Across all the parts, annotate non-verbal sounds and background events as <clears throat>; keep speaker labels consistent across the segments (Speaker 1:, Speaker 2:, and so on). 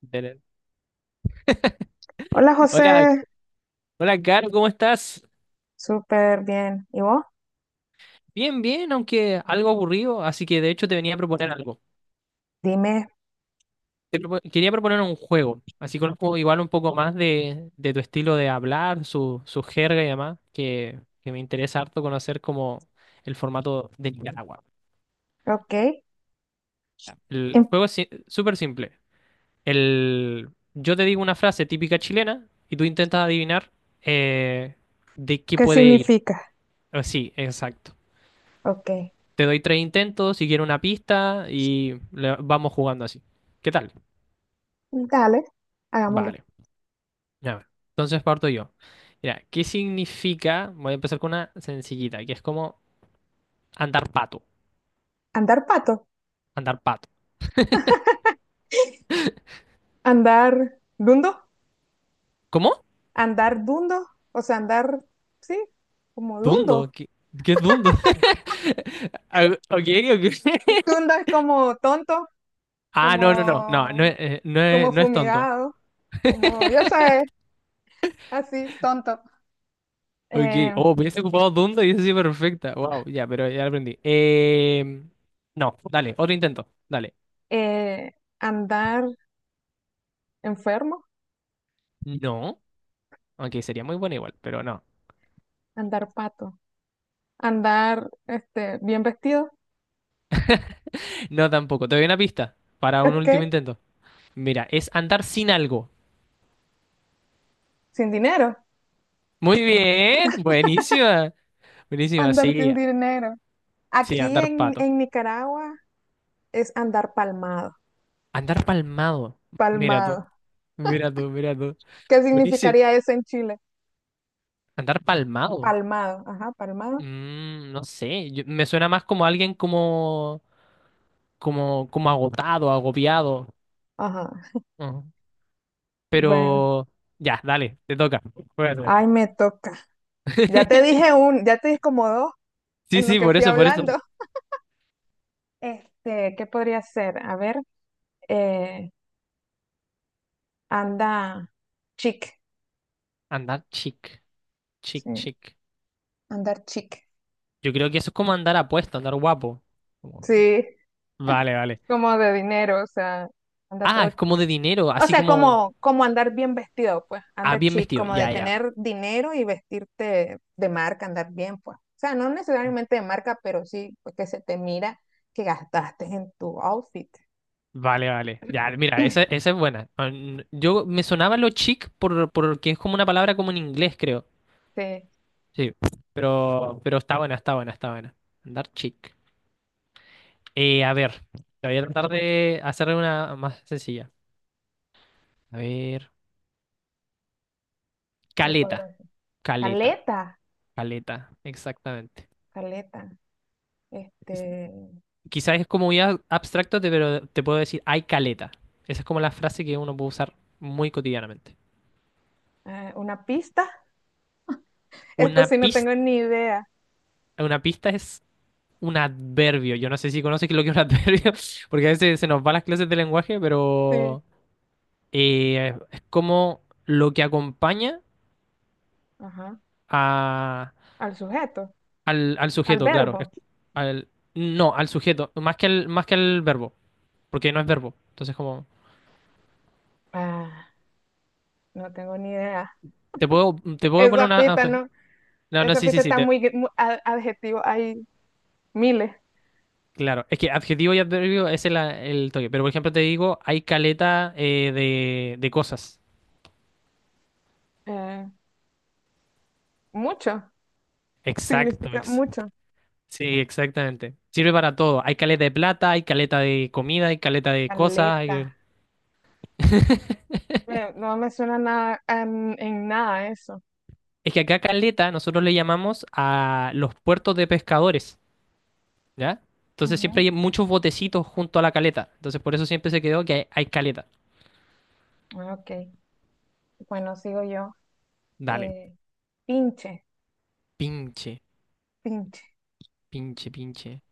Speaker 1: Belén.
Speaker 2: Hola
Speaker 1: Hola,
Speaker 2: José,
Speaker 1: hola, Caro, ¿cómo estás?
Speaker 2: súper bien. ¿Y vos?
Speaker 1: Bien, bien, aunque algo aburrido, así que de hecho te venía a proponer algo.
Speaker 2: Dime,
Speaker 1: Quería proponer un juego, así conozco igual un poco más de tu estilo de hablar, su jerga y demás, que me interesa harto conocer como el formato de Nicaragua.
Speaker 2: ok,
Speaker 1: El
Speaker 2: ¿en-
Speaker 1: juego es súper simple. Yo te digo una frase típica chilena y tú intentas adivinar eh, de qué
Speaker 2: ¿qué
Speaker 1: puede ir.
Speaker 2: significa?
Speaker 1: Ah, sí, exacto.
Speaker 2: Ok,
Speaker 1: Te doy tres intentos, si quiero una pista vamos jugando así. ¿Qué tal?
Speaker 2: dale, hagámoslo.
Speaker 1: Vale, ya va. Entonces parto yo. Mira, ¿qué significa? Voy a empezar con una sencillita, que es como andar pato.
Speaker 2: ¿Andar pato?
Speaker 1: Andar pato.
Speaker 2: ¿Andar dundo?
Speaker 1: ¿Cómo?
Speaker 2: ¿Andar dundo? O sea, andar, sí, como
Speaker 1: Dundo.
Speaker 2: dundo.
Speaker 1: ¿Qué, qué es dundo? <laughs> Ah, ok, ok. <laughs>
Speaker 2: Dundo es como tonto,
Speaker 1: Ah, no, no, no. No, no,
Speaker 2: como,
Speaker 1: no, es,
Speaker 2: como
Speaker 1: no es tonto.
Speaker 2: fumigado, como, yo sé, así, tonto.
Speaker 1: Ok.
Speaker 2: Eh,
Speaker 1: Oh, hubiese ocupado dundo y eso sí, perfecta. Wow, ya, pero ya lo aprendí. No, dale, otro intento. Dale.
Speaker 2: eh, andar enfermo,
Speaker 1: No. Aunque sería muy bueno igual, pero no.
Speaker 2: andar pato, andar, este, bien vestido.
Speaker 1: No tampoco. Te doy una pista para un
Speaker 2: Ok.
Speaker 1: último intento. Mira, es andar sin algo.
Speaker 2: Sin dinero,
Speaker 1: Muy bien, buenísima. Buenísima, sí.
Speaker 2: andar sin dinero.
Speaker 1: Sí,
Speaker 2: Aquí
Speaker 1: andar pato.
Speaker 2: en Nicaragua es andar palmado,
Speaker 1: Andar palmado. Mira tú,
Speaker 2: palmado.
Speaker 1: mira tú, mira tú.
Speaker 2: ¿Qué
Speaker 1: Buenísimo.
Speaker 2: significaría eso en Chile?
Speaker 1: Andar palmado.
Speaker 2: Palmado, ajá, palmado,
Speaker 1: No sé, me suena más como alguien como, como agotado, agobiado.
Speaker 2: ajá.
Speaker 1: Ujú.
Speaker 2: Bueno,
Speaker 1: Pero ya, dale, te toca. Voy a hacer.
Speaker 2: ay, me toca. Ya te dije
Speaker 1: <laughs>
Speaker 2: un, ya te dije como dos
Speaker 1: Sí,
Speaker 2: en lo
Speaker 1: sí,
Speaker 2: que
Speaker 1: por
Speaker 2: fui
Speaker 1: eso, por eso.
Speaker 2: hablando. Este, ¿qué podría ser? A ver, eh, anda chic,
Speaker 1: Andar chic. Chic,
Speaker 2: sí,
Speaker 1: chic.
Speaker 2: andar chic.
Speaker 1: Yo creo que eso es como andar apuesto, andar guapo. Como-
Speaker 2: Sí,
Speaker 1: Vale, vale.
Speaker 2: como de dinero, o sea, anda
Speaker 1: Ah,
Speaker 2: todo
Speaker 1: es
Speaker 2: chic.
Speaker 1: como de dinero,
Speaker 2: O
Speaker 1: así
Speaker 2: sea,
Speaker 1: como...
Speaker 2: como, como andar bien vestido, pues,
Speaker 1: Ah,
Speaker 2: anda
Speaker 1: bien
Speaker 2: chic,
Speaker 1: vestido.
Speaker 2: como de
Speaker 1: Ya, ya.
Speaker 2: tener dinero y vestirte de marca, andar bien, pues. O sea, no necesariamente de marca, pero sí pues, que se te mira que gastaste en tu outfit.
Speaker 1: Vale, vale. Ya, mira, esa,
Speaker 2: <clears throat>
Speaker 1: esa es buena. Yo me sonaba lo chic porque es como una palabra como en inglés, creo.
Speaker 2: Sí,
Speaker 1: Sí. Pero está buena, está buena, está buena. Andar chic. A ver, te voy a tratar de hacerle una más sencilla. A ver.
Speaker 2: ¿qué podrá
Speaker 1: Caleta.
Speaker 2: ser?
Speaker 1: Caleta.
Speaker 2: Caleta,
Speaker 1: Caleta. Exactamente.
Speaker 2: caleta. Este,
Speaker 1: Quizás es como muy abstracto, pero te puedo decir, hay caleta. Esa es como la frase que uno puede usar muy cotidianamente.
Speaker 2: una pista. <laughs> Esto
Speaker 1: Una
Speaker 2: sí no
Speaker 1: pista,
Speaker 2: tengo ni idea.
Speaker 1: una pista es un adverbio. Yo no sé si conoces lo que es un <laughs> adverbio, porque a veces se nos van las clases de lenguaje,
Speaker 2: Sí,
Speaker 1: pero es como lo que acompaña
Speaker 2: ajá.
Speaker 1: a-
Speaker 2: Al sujeto,
Speaker 1: al
Speaker 2: al
Speaker 1: sujeto, claro.
Speaker 2: verbo.
Speaker 1: Al- no, al sujeto, más que al verbo, porque no es verbo. Entonces, como,
Speaker 2: Ah, no tengo ni idea.
Speaker 1: te puedo poner
Speaker 2: Esa
Speaker 1: una...
Speaker 2: pista no,
Speaker 1: No, no,
Speaker 2: esa
Speaker 1: sí, sí,
Speaker 2: pista
Speaker 1: sí.
Speaker 2: está muy, muy a- adjetivo ahí miles,
Speaker 1: Claro, es que adjetivo y adverbio es el toque. Pero por ejemplo, te digo, hay caleta de cosas.
Speaker 2: eh, mucho,
Speaker 1: Exacto,
Speaker 2: significa
Speaker 1: ex-
Speaker 2: mucho.
Speaker 1: sí, exactamente. Sirve para todo. Hay caleta de plata, hay caleta de comida, hay caleta de cosas.
Speaker 2: Caleta. No me suena nada, en nada eso.
Speaker 1: Es que acá caleta nosotros le llamamos a los puertos de pescadores, ¿ya? Entonces siempre
Speaker 2: Ujú.
Speaker 1: hay muchos botecitos junto a la caleta. Entonces por eso siempre se quedó que hay caleta.
Speaker 2: Ah, ok, bueno, sigo yo.
Speaker 1: Dale,
Speaker 2: Eh, pinche,
Speaker 1: pinche,
Speaker 2: pinche,
Speaker 1: pinche.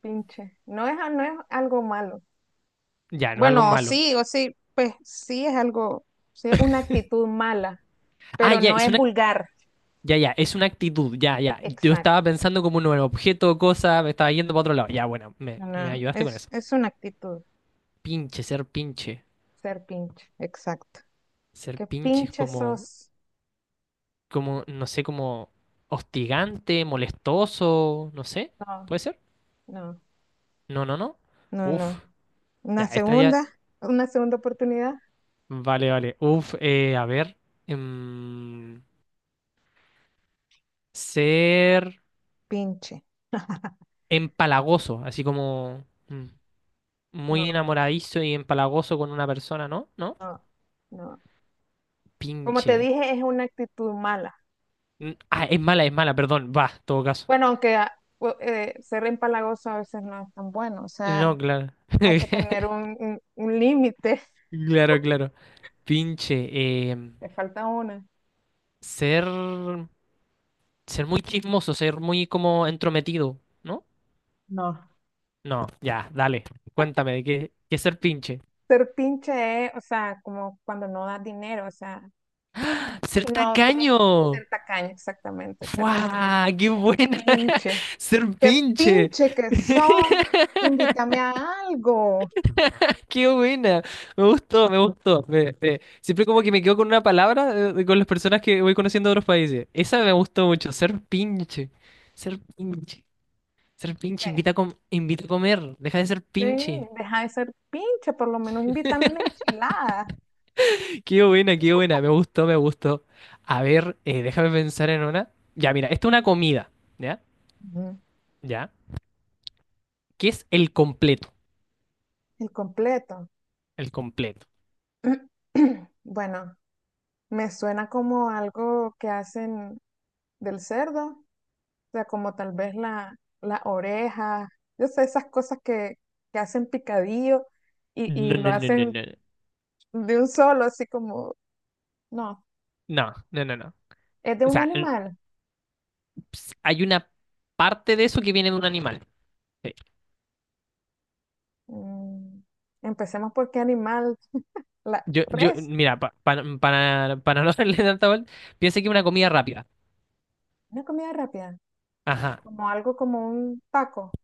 Speaker 2: pinche. No es, no es algo malo.
Speaker 1: Ya, no es algo
Speaker 2: Bueno,
Speaker 1: malo.
Speaker 2: sí, o sí, pues sí es algo, sí es una actitud mala,
Speaker 1: Ah,
Speaker 2: pero
Speaker 1: ya,
Speaker 2: no
Speaker 1: es
Speaker 2: es
Speaker 1: una
Speaker 2: vulgar.
Speaker 1: ya, ya, es una actitud, ya, ya. Yo
Speaker 2: Exacto.
Speaker 1: estaba pensando como en un objeto o cosa, me estaba yendo para otro lado. Ya, bueno,
Speaker 2: No,
Speaker 1: me
Speaker 2: no,
Speaker 1: ayudaste con eso.
Speaker 2: es una actitud,
Speaker 1: Pinche, ser pinche.
Speaker 2: ser pinche, exacto.
Speaker 1: Ser
Speaker 2: ¿Qué
Speaker 1: pinche es
Speaker 2: pinche
Speaker 1: como,
Speaker 2: sos?
Speaker 1: como, no sé, como hostigante, molestoso, no sé.
Speaker 2: No,
Speaker 1: ¿Puede ser?
Speaker 2: no,
Speaker 1: No, no, no.
Speaker 2: no, no.
Speaker 1: Uf,
Speaker 2: Una
Speaker 1: ya, esta ya.
Speaker 2: segunda, una segunda oportunidad,
Speaker 1: Vale, vale. Uf, a ver. em, Ser
Speaker 2: pinche. <laughs>
Speaker 1: empalagoso, así como muy
Speaker 2: No,
Speaker 1: enamoradizo y empalagoso con una persona, ¿no? ¿No?
Speaker 2: no, no. Como te
Speaker 1: Pinche.
Speaker 2: dije, es una actitud mala.
Speaker 1: Ah, es mala, perdón. Va, en todo caso.
Speaker 2: Bueno, aunque ser empalagoso a veces no es tan bueno, o sea,
Speaker 1: No, claro. <laughs>
Speaker 2: hay que tener un límite,
Speaker 1: Claro, claro. Pinche.
Speaker 2: <laughs> te falta una.
Speaker 1: Ser. Ser muy chismoso, ser muy como entrometido, ¿no?
Speaker 2: No.
Speaker 1: No, ya, dale. Cuéntame, ¿de qué, qué es ser pinche?
Speaker 2: Ser pinche es, o sea, como cuando no das dinero, o sea,
Speaker 1: ¡Ser
Speaker 2: no quiere
Speaker 1: tacaño!
Speaker 2: ser tacaño, exactamente, ser tacaño.
Speaker 1: ¡Fua! ¡Qué buena! <laughs>
Speaker 2: Pinche.
Speaker 1: ¡Ser
Speaker 2: Qué
Speaker 1: pinche!
Speaker 2: pinche que
Speaker 1: <laughs>
Speaker 2: sos. Invítame a algo.
Speaker 1: Qué buena, me gustó, me gustó. Siempre como que me quedo con una palabra con las personas que voy conociendo de otros países. Esa me gustó mucho, ser pinche, ser pinche, ser pinche,
Speaker 2: Sí.
Speaker 1: invita a comer, deja de ser
Speaker 2: Sí,
Speaker 1: pinche.
Speaker 2: deja de ser pinche, por lo menos invítame una enchilada.
Speaker 1: Qué buena, me gustó, me gustó. A ver, déjame pensar en una. Ya, mira, esta es una comida, ¿ya?
Speaker 2: Ujú.
Speaker 1: ¿Ya? ¿Qué es el completo?
Speaker 2: El completo.
Speaker 1: El completo.
Speaker 2: <clears throat> Bueno, me suena como algo que hacen del cerdo, o sea, como tal vez la, la oreja, yo sé, esas cosas que hacen picadillo
Speaker 1: No,
Speaker 2: y lo
Speaker 1: no, no, no,
Speaker 2: hacen
Speaker 1: no,
Speaker 2: de un solo, así como, no,
Speaker 1: no, no, no, no, no.
Speaker 2: es de
Speaker 1: O
Speaker 2: un
Speaker 1: sea,
Speaker 2: animal.
Speaker 1: hay una parte de eso que viene de un animal. Sí.
Speaker 2: Mm, empecemos por qué animal, la
Speaker 1: Yo,
Speaker 2: res,
Speaker 1: mira, para no <laughs> hacerle tanta vuelta, piensa que es una comida rápida.
Speaker 2: una comida rápida,
Speaker 1: Ajá,
Speaker 2: como algo como un taco.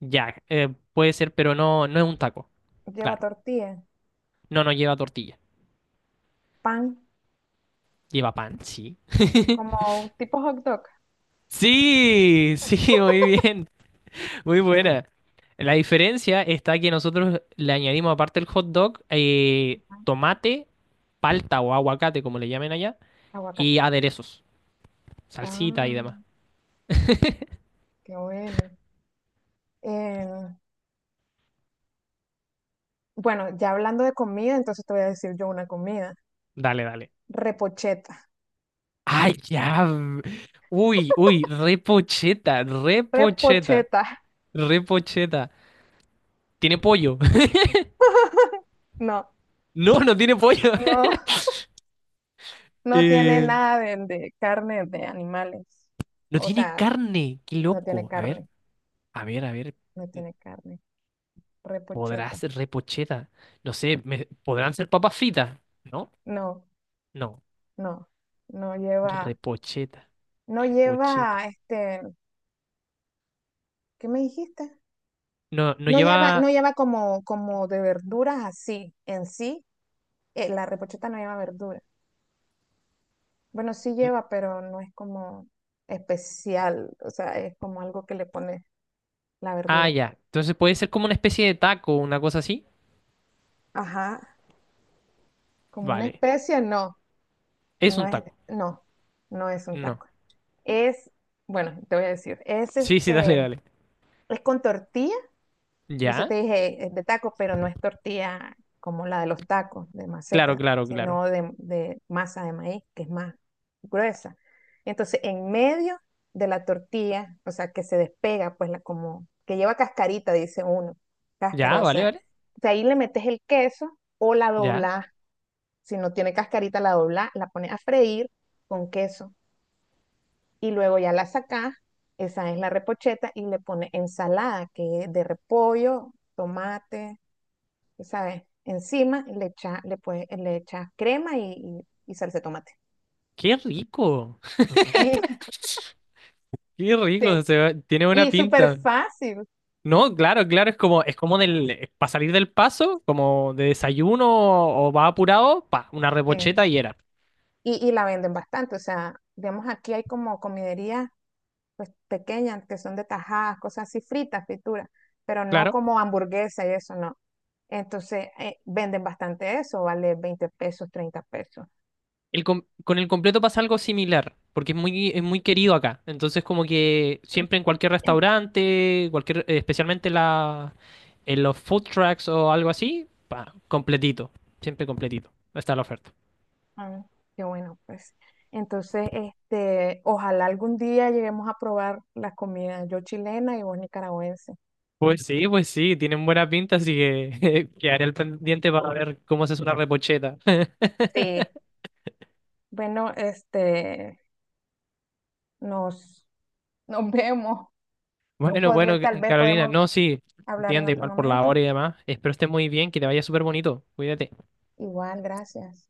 Speaker 1: ya, puede ser, pero no, no es un taco.
Speaker 2: Lleva
Speaker 1: Claro,
Speaker 2: tortilla,
Speaker 1: no, no lleva tortilla,
Speaker 2: pan,
Speaker 1: lleva pan, sí. <laughs>
Speaker 2: como tipo hot dog,
Speaker 1: Sí, sí, muy bien, muy buena. La diferencia está que nosotros le añadimos, aparte del hot dog,
Speaker 2: ah,
Speaker 1: tomate, palta o aguacate, como le llamen allá, y
Speaker 2: aguacate.
Speaker 1: aderezos, salsita y
Speaker 2: Ah,
Speaker 1: demás.
Speaker 2: qué bueno. Eh, bueno, ya hablando de comida, entonces te voy a decir yo una comida.
Speaker 1: Dale, dale.
Speaker 2: Repocheta.
Speaker 1: Ay, ya. Uy, uy, repocheta, repocheta,
Speaker 2: Repocheta. <laughs>
Speaker 1: repocheta. ¿Tiene pollo? <laughs>
Speaker 2: No,
Speaker 1: No, no tiene pollo.
Speaker 2: no,
Speaker 1: <laughs>
Speaker 2: no tiene
Speaker 1: Eh,
Speaker 2: nada de, de carne de animales.
Speaker 1: no
Speaker 2: O
Speaker 1: tiene
Speaker 2: sea,
Speaker 1: carne, qué
Speaker 2: no tiene
Speaker 1: loco. A ver,
Speaker 2: carne,
Speaker 1: a ver, a ver.
Speaker 2: no tiene carne.
Speaker 1: ¿Podrá
Speaker 2: Repocheta.
Speaker 1: ser repocheta? No sé, ¿podrán ser papas fritas? ¿No?
Speaker 2: No,
Speaker 1: No,
Speaker 2: no, no lleva,
Speaker 1: repocheta,
Speaker 2: no
Speaker 1: repocheta.
Speaker 2: lleva, este, ¿qué me dijiste?
Speaker 1: No, no
Speaker 2: No lleva, no
Speaker 1: lleva...
Speaker 2: lleva como, como de verduras así, en sí, la repocheta no lleva verdura. Bueno, sí lleva, pero no es como especial, o sea, es como algo que le pone la
Speaker 1: Ah,
Speaker 2: verdura.
Speaker 1: ya. Entonces puede ser como una especie de taco, una cosa así.
Speaker 2: Ajá, como una
Speaker 1: Vale.
Speaker 2: especie, no,
Speaker 1: ¿Es
Speaker 2: no
Speaker 1: un
Speaker 2: es,
Speaker 1: taco?
Speaker 2: no, no es un
Speaker 1: No.
Speaker 2: taco. Es, bueno, te voy a decir, es
Speaker 1: Sí, sí, dale,
Speaker 2: este,
Speaker 1: dale.
Speaker 2: es con tortilla. Por eso te
Speaker 1: ¿Ya?
Speaker 2: dije es de tacos, pero no es tortilla como la de los tacos de
Speaker 1: Claro,
Speaker 2: maseca,
Speaker 1: claro, claro.
Speaker 2: sino de masa de maíz, que es más gruesa. Entonces, en medio de la tortilla, o sea, que se despega, pues la como, que lleva cascarita, dice uno,
Speaker 1: Ya,
Speaker 2: cáscara, o
Speaker 1: vale,
Speaker 2: sea,
Speaker 1: vale.
Speaker 2: de ahí le metes el queso o la
Speaker 1: Ya.
Speaker 2: doblás. Si no tiene cascarita, la doblás, la pones a freír con queso y luego ya la sacás, esa es la repocheta, y le pones ensalada, que es de repollo, tomate, ¿sabes? Encima le echa, le, puedes- le echas crema y, y salsa de tomate.
Speaker 1: Qué rico.
Speaker 2: Sí, <laughs>
Speaker 1: Qué rico.
Speaker 2: sí.
Speaker 1: Tiene buena
Speaker 2: Y súper
Speaker 1: pinta.
Speaker 2: fácil.
Speaker 1: No, claro, claro, es como del, para salir del paso, como de desayuno o, va apurado, pa, una
Speaker 2: Sí.
Speaker 1: repocheta y era.
Speaker 2: Y la venden bastante. O sea, digamos, aquí hay como comiderías pues, pequeñas que son de tajadas, cosas así fritas, frituras, pero no
Speaker 1: Claro.
Speaker 2: como hamburguesa y eso, no. Entonces, venden bastante eso, vale 20 pesos, 30 pesos.
Speaker 1: Con el completo pasa algo similar, porque es muy querido acá. Entonces, como que siempre en cualquier restaurante, cualquier, especialmente en los food trucks o algo así, pa, completito. Siempre completito. Está la oferta.
Speaker 2: Ah, qué bueno, pues. Entonces, este, ojalá algún día lleguemos a probar la comida, yo chilena y vos nicaragüense.
Speaker 1: Pues sí, tienen buena pinta, así que <laughs> quedaré al pendiente para ver cómo haces una repocheta.
Speaker 2: Sí,
Speaker 1: <laughs>
Speaker 2: bueno, este, nos, nos <laughs> vemos.
Speaker 1: Bueno,
Speaker 2: Podré-
Speaker 1: bueno,
Speaker 2: tal vez
Speaker 1: Carolina,
Speaker 2: podemos
Speaker 1: no, sí,
Speaker 2: hablar en
Speaker 1: entiende,
Speaker 2: otro
Speaker 1: igual por la
Speaker 2: momento.
Speaker 1: hora y demás. Espero estés muy bien, que te vaya súper bonito. Cuídate.
Speaker 2: Igual, gracias.